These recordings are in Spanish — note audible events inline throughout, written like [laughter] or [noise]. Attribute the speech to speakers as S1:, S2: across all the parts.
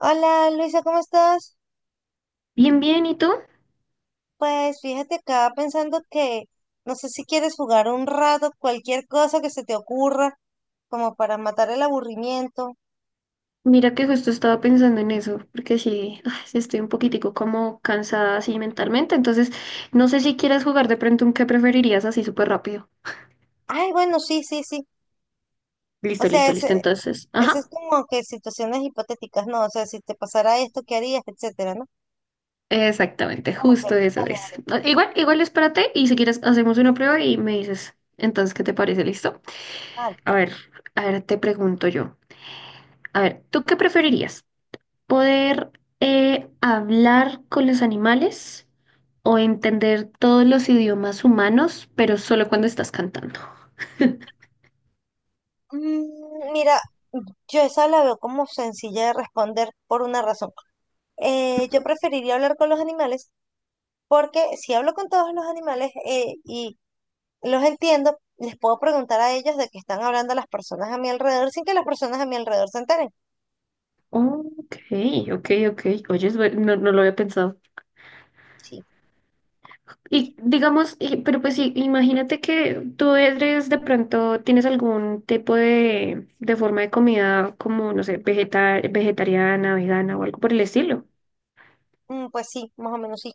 S1: Hola Luisa, ¿cómo estás?
S2: Bien, bien, ¿y tú?
S1: Pues fíjate acá pensando que no sé si quieres jugar un rato, cualquier cosa que se te ocurra, como para matar el aburrimiento.
S2: Mira que justo estaba pensando en eso, porque sí, ay, sí estoy un poquitico como cansada así mentalmente, entonces no sé si quieres jugar de pronto un qué preferirías así súper rápido.
S1: Ay, bueno, sí, sí, sí. O
S2: Listo,
S1: sea,
S2: listo, listo, entonces,
S1: ese es
S2: ajá,
S1: como que situaciones hipotéticas, ¿no? O sea, si te pasara esto, ¿qué harías? Etcétera, ¿no?
S2: exactamente,
S1: Ok, dale,
S2: justo eso es.
S1: dale.
S2: Ah, igual, igual espérate y si quieres hacemos una prueba y me dices, entonces, ¿qué te parece? ¿Listo?
S1: Vale.
S2: A ver, a ver, te pregunto yo, a ver, ¿tú qué preferirías? ¿Poder hablar con los animales o entender todos los idiomas humanos, pero solo cuando estás cantando?
S1: Mira, yo esa la veo como sencilla de responder por una razón. Yo preferiría hablar con los animales porque si hablo con todos los animales y los entiendo, les puedo preguntar a ellos de qué están hablando las personas a mi alrededor sin que las personas a mi alrededor se enteren.
S2: Ok, ok, ok. Oye, no, no lo había pensado.
S1: Sí,
S2: Y digamos, pero pues sí, imagínate que tú eres de pronto, tienes algún tipo de, forma de comida como, no sé, vegetariana, vegana o algo por el estilo.
S1: pues sí, más o menos sí.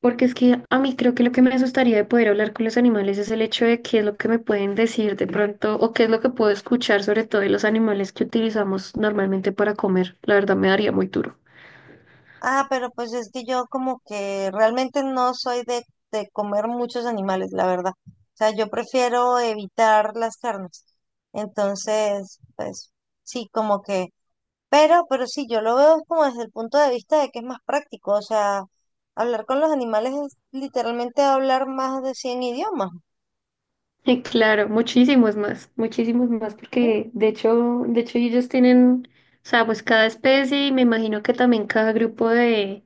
S2: Porque es que a mí creo que lo que me asustaría de poder hablar con los animales es el hecho de qué es lo que me pueden decir de pronto o qué es lo que puedo escuchar sobre todo de los animales que utilizamos normalmente para comer. La verdad me daría muy duro.
S1: Ah, pero pues es que yo como que realmente no soy de comer muchos animales, la verdad. O sea, yo prefiero evitar las carnes. Entonces, pues sí, como que, pero sí, yo lo veo como desde el punto de vista de que es más práctico. O sea, hablar con los animales es literalmente hablar más de 100 idiomas.
S2: Y claro, muchísimos más
S1: ¿Mm?
S2: porque de hecho ellos tienen, o sea, pues cada especie y me imagino que también cada grupo de,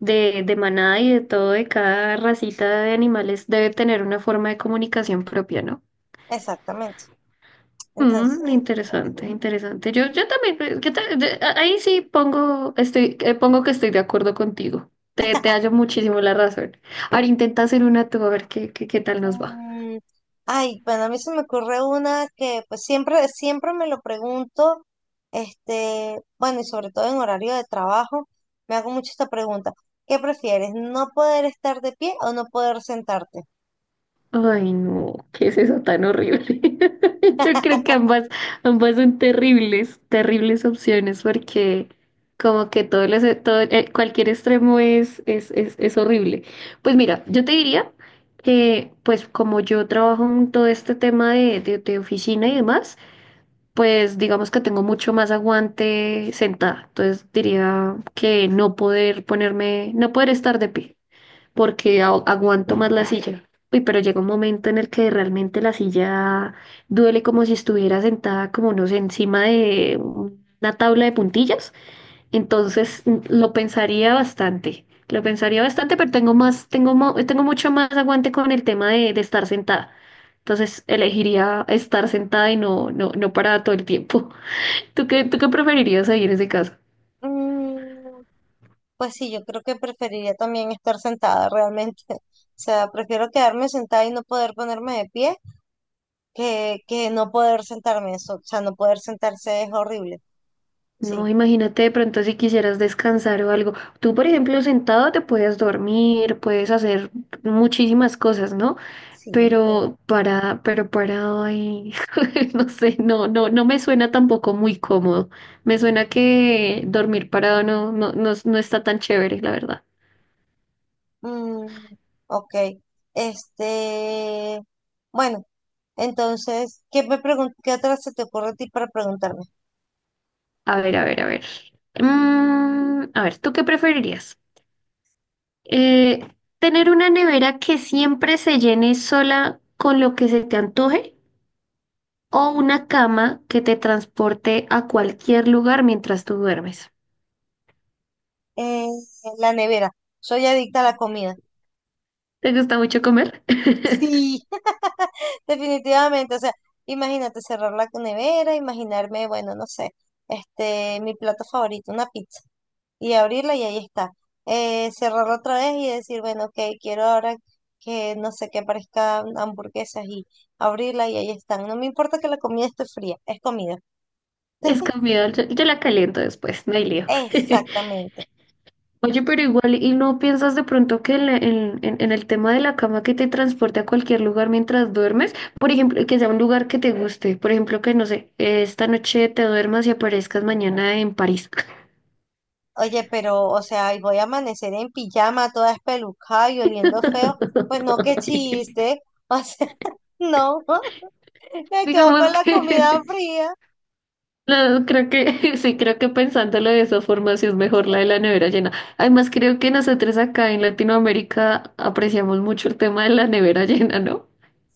S2: de manada y de todo, de cada racita de animales debe tener una forma de comunicación propia, ¿no?
S1: Exactamente.
S2: Mm,
S1: Entonces,
S2: interesante, interesante. Yo también, ¿qué tal? Ahí sí pongo que estoy de acuerdo contigo. Te hallo muchísimo la razón. Ahora intenta hacer una tú, a ver qué tal nos va.
S1: mm, ay, bueno, a mí se me ocurre una que pues siempre, siempre me lo pregunto, este, bueno, y sobre todo en horario de trabajo, me hago mucho esta pregunta. ¿Qué prefieres, no poder estar de pie o no poder sentarte?
S2: Ay, no, ¿qué es eso tan horrible? [laughs] Yo creo que ambas, ambas son terribles, terribles opciones porque como que todo, cualquier extremo es horrible. Pues mira, yo te diría que pues como yo trabajo en todo este tema de, de oficina y demás, pues digamos que tengo mucho más aguante sentada. Entonces diría que no poder ponerme, no poder estar de pie porque aguanto más la silla. Uy, pero llega un momento en el que realmente la silla duele como si estuviera sentada, como no sé, encima de una tabla de puntillas. Entonces lo pensaría bastante, pero tengo mucho más aguante con el tema de, estar sentada. Entonces elegiría estar sentada y no, no, no parada todo el tiempo. [laughs] ¿Tú qué preferirías ahí en ese caso?
S1: Mm, pues sí, yo creo que preferiría también estar sentada realmente. [laughs] O sea, prefiero quedarme sentada y no poder ponerme de pie que no poder sentarme. Eso, o sea, no poder sentarse es horrible. Sí,
S2: No, imagínate de pronto si quisieras descansar o algo. Tú, por ejemplo, sentado te puedes dormir, puedes hacer muchísimas cosas, ¿no?
S1: sí, pero...
S2: Pero parado ahí, [laughs] no sé, no, no, no me suena tampoco muy cómodo. Me suena que dormir parado no, no, no, no está tan chévere, la verdad.
S1: Mm, ok. Este, bueno, entonces, ¿ qué otra se te ocurre a ti para preguntarme?
S2: A ver, a ver, a ver. Mm, a ver, ¿tú qué preferirías? Eh, ¿tener una nevera que siempre se llene sola con lo que se te antoje o una cama que te transporte a cualquier lugar mientras tú duermes?
S1: Eh, la nevera. Soy adicta a la comida.
S2: ¿Te gusta mucho comer? [laughs]
S1: Sí, [laughs] definitivamente. O sea, imagínate cerrar la nevera, imaginarme, bueno, no sé, este, mi plato favorito, una pizza. Y abrirla y ahí está. Cerrarla otra vez y decir, bueno, ok, quiero ahora que no sé, que aparezcan hamburguesas y abrirla y ahí están. No me importa que la comida esté fría, es comida.
S2: Es
S1: [laughs]
S2: comida, yo la caliento después, no hay lío. [laughs]
S1: Exactamente.
S2: Oye, pero igual, ¿y no piensas de pronto que en el tema de la cama que te transporte a cualquier lugar mientras duermes? Por ejemplo, que sea un lugar que te guste. Por ejemplo, que no sé, esta noche te duermas y aparezcas mañana en París.
S1: Oye, pero, o sea, y voy a amanecer en pijama, toda espelucada y oliendo feo. Pues no, qué
S2: [laughs]
S1: chiste. O sea, [laughs] no, [laughs] me quedo
S2: Digamos
S1: con la
S2: que...
S1: comida fría.
S2: No, creo que [laughs] sí, creo que pensándolo de esa forma sí es mejor la de la nevera llena. Además, creo que nosotros acá en Latinoamérica apreciamos mucho el tema de la nevera llena, ¿no?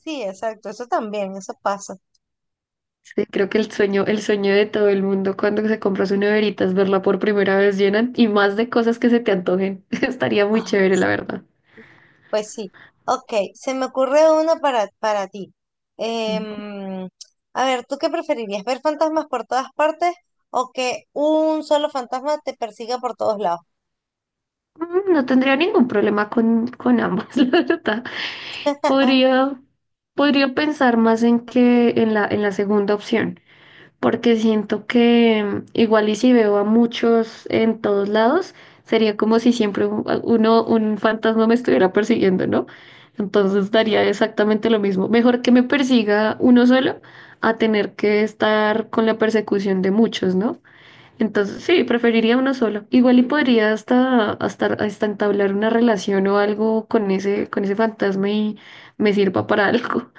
S1: Sí, exacto, eso también, eso pasa.
S2: Sí, creo que el sueño de todo el mundo cuando se compra su neverita es verla por primera vez llena y más de cosas que se te antojen. [laughs] Estaría muy chévere, la verdad.
S1: Pues sí. Ok, se me ocurre una para ti.
S2: Mm.
S1: Em, a ver, ¿tú qué preferirías? ¿Ver fantasmas por todas partes o que un solo fantasma te persiga por todos lados?
S2: No tendría ningún problema con ambas, [laughs] la verdad.
S1: [laughs]
S2: Podría, podría pensar más en que en la segunda opción. Porque siento que igual y si veo a muchos en todos lados, sería como si siempre un fantasma me estuviera persiguiendo, ¿no? Entonces daría exactamente lo mismo. Mejor que me persiga uno solo a tener que estar con la persecución de muchos, ¿no? Entonces sí, preferiría uno solo. Igual y podría hasta entablar una relación o algo con ese fantasma y me sirva para [laughs] algo,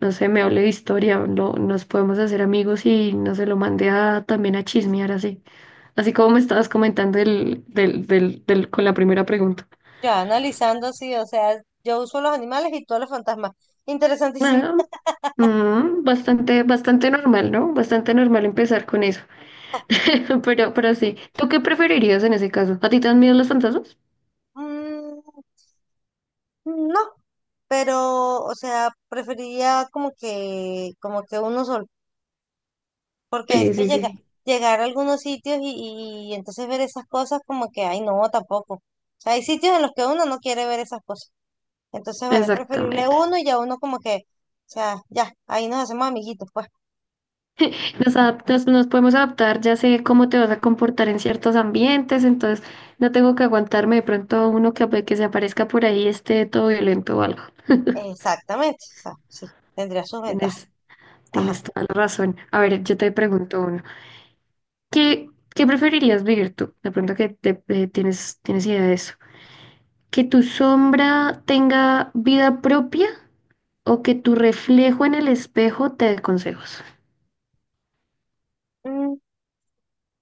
S2: no sé, me hable de historia, no, nos podemos hacer amigos y no se lo mandé a, también a chismear así. Así como me estabas comentando con la primera pregunta.
S1: Ya, analizando, sí, o sea, yo uso los animales y todos los fantasmas. Interesantísimo.
S2: Nada, bastante, bastante normal, ¿no? Bastante normal empezar con eso. [laughs] Pero sí, ¿tú qué preferirías en ese caso? ¿A ti te dan miedo los fantasmas?
S1: Mm, no, pero, o sea, preferiría como que uno solo. Porque es
S2: Sí,
S1: que
S2: sí, sí,
S1: llega, llegar a algunos sitios y entonces ver esas cosas como que, ay, no, tampoco. O sea, hay sitios en los que uno no quiere ver esas cosas. Entonces, bueno, es preferible
S2: exactamente.
S1: uno y ya uno como que, o sea, ya, ahí nos hacemos amiguitos, pues.
S2: Nos adaptas, nos podemos adaptar, ya sé cómo te vas a comportar en ciertos ambientes, entonces no tengo que aguantarme de pronto a uno que, que se aparezca por ahí esté todo violento o algo.
S1: Exactamente, o sea, sí, tendría sus ventajas.
S2: Tienes,
S1: Ajá.
S2: tienes toda la razón. A ver, yo te pregunto uno. ¿Qué preferirías vivir tú? De pronto tienes idea de eso. ¿Que tu sombra tenga vida propia o que tu reflejo en el espejo te dé consejos?
S1: Mm,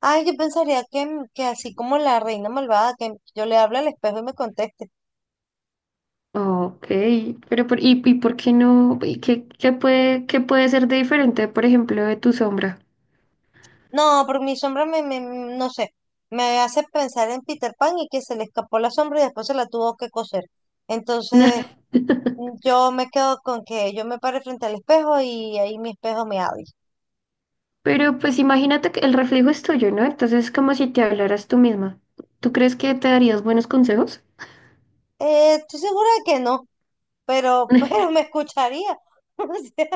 S1: ay, yo pensaría que así como la reina malvada, que yo le hablo al espejo y me conteste.
S2: Ok, pero ¿por qué no? ¿Y qué puede ser de diferente, por ejemplo, de tu sombra?
S1: No, pero mi sombra no sé, me hace pensar en Peter Pan y que se le escapó la sombra y después se la tuvo que coser. Entonces,
S2: [laughs]
S1: yo me quedo con que yo me pare frente al espejo y ahí mi espejo me habla.
S2: Pero pues imagínate que el reflejo es tuyo, ¿no? Entonces es como si te hablaras tú misma. ¿Tú crees que te darías buenos consejos?
S1: Estoy segura de que no, pero, [laughs] pero me
S2: [laughs]
S1: escucharía. [laughs] O sea,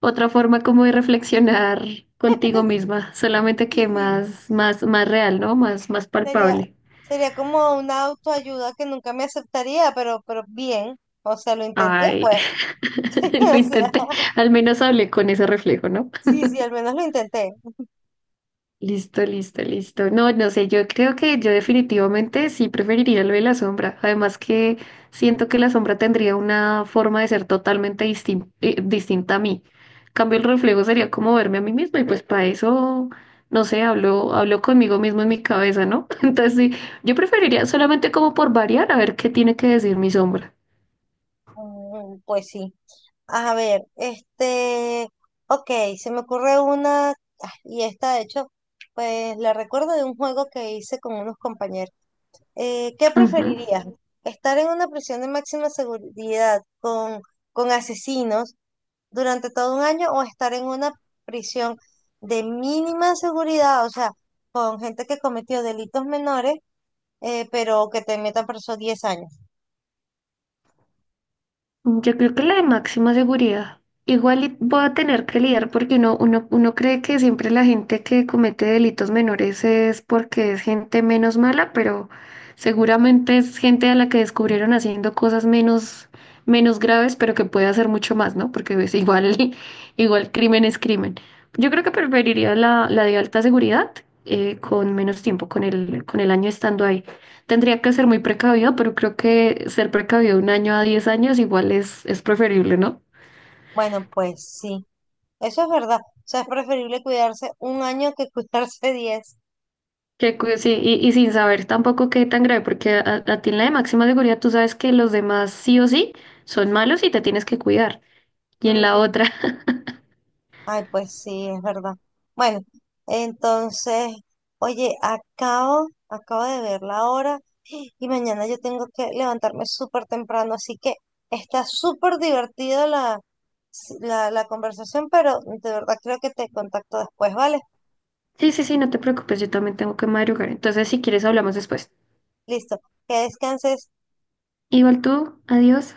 S2: Otra forma como de reflexionar
S1: [laughs]
S2: contigo misma, solamente
S1: sí,
S2: que
S1: sí,
S2: más, más, más real, ¿no? Más, más
S1: sería,
S2: palpable.
S1: sería como una autoayuda que nunca me aceptaría, pero bien. O sea, lo intenté,
S2: Ay,
S1: pues.
S2: [laughs] lo
S1: [laughs] O sea,
S2: intenté, al menos hablé con ese reflejo, ¿no?
S1: sí, sí, al menos lo intenté.
S2: Listo, listo, listo. No, no sé, yo creo que yo definitivamente sí preferiría lo de la sombra. Además que siento que la sombra tendría una forma de ser totalmente distinta a mí. En cambio, el reflejo sería como verme a mí misma y pues para eso, no sé, hablo conmigo mismo en mi cabeza, ¿no? [laughs] Entonces sí, yo preferiría solamente como por variar a ver qué tiene que decir mi sombra.
S1: Pues sí. A ver, este, ok, se me ocurre una, ah, y esta de hecho, pues la recuerdo de un juego que hice con unos compañeros. ¿Qué
S2: Ujú.
S1: preferirías? ¿Estar en una prisión de máxima seguridad con asesinos durante todo un año o estar en una prisión de mínima seguridad, o sea, con gente que cometió delitos menores, pero que te metan preso 10 años?
S2: Yo creo que la de máxima seguridad. Igual y voy a tener que lidiar porque uno cree que siempre la gente que comete delitos menores es porque es gente menos mala, pero seguramente es gente a la que descubrieron haciendo cosas menos graves, pero que puede hacer mucho más, ¿no? Porque es igual, [laughs] igual crimen es crimen. Yo creo que preferiría la de alta seguridad, con menos tiempo, con el año estando ahí. Tendría que ser muy precavido, pero creo que ser precavido un año a 10 años igual es preferible, ¿no?
S1: Bueno, pues sí. Eso es verdad. O sea, es preferible cuidarse un año que cuidarse [laughs] 10.
S2: Sí, y sin saber tampoco qué tan grave, porque a ti en la de máxima seguridad tú sabes que los demás sí o sí son malos y te tienes que cuidar. Y en la
S1: Ujú.
S2: otra, [laughs]
S1: Ay, pues sí, es verdad. Bueno, entonces, oye, acabo de ver la hora y mañana yo tengo que levantarme súper temprano, así que está súper divertida la, conversación, pero de verdad creo que te contacto después, ¿vale?
S2: sí, sí, sí, no te preocupes, yo también tengo que madrugar. Entonces, si quieres, hablamos después.
S1: Listo, que descanses.
S2: Igual tú, adiós.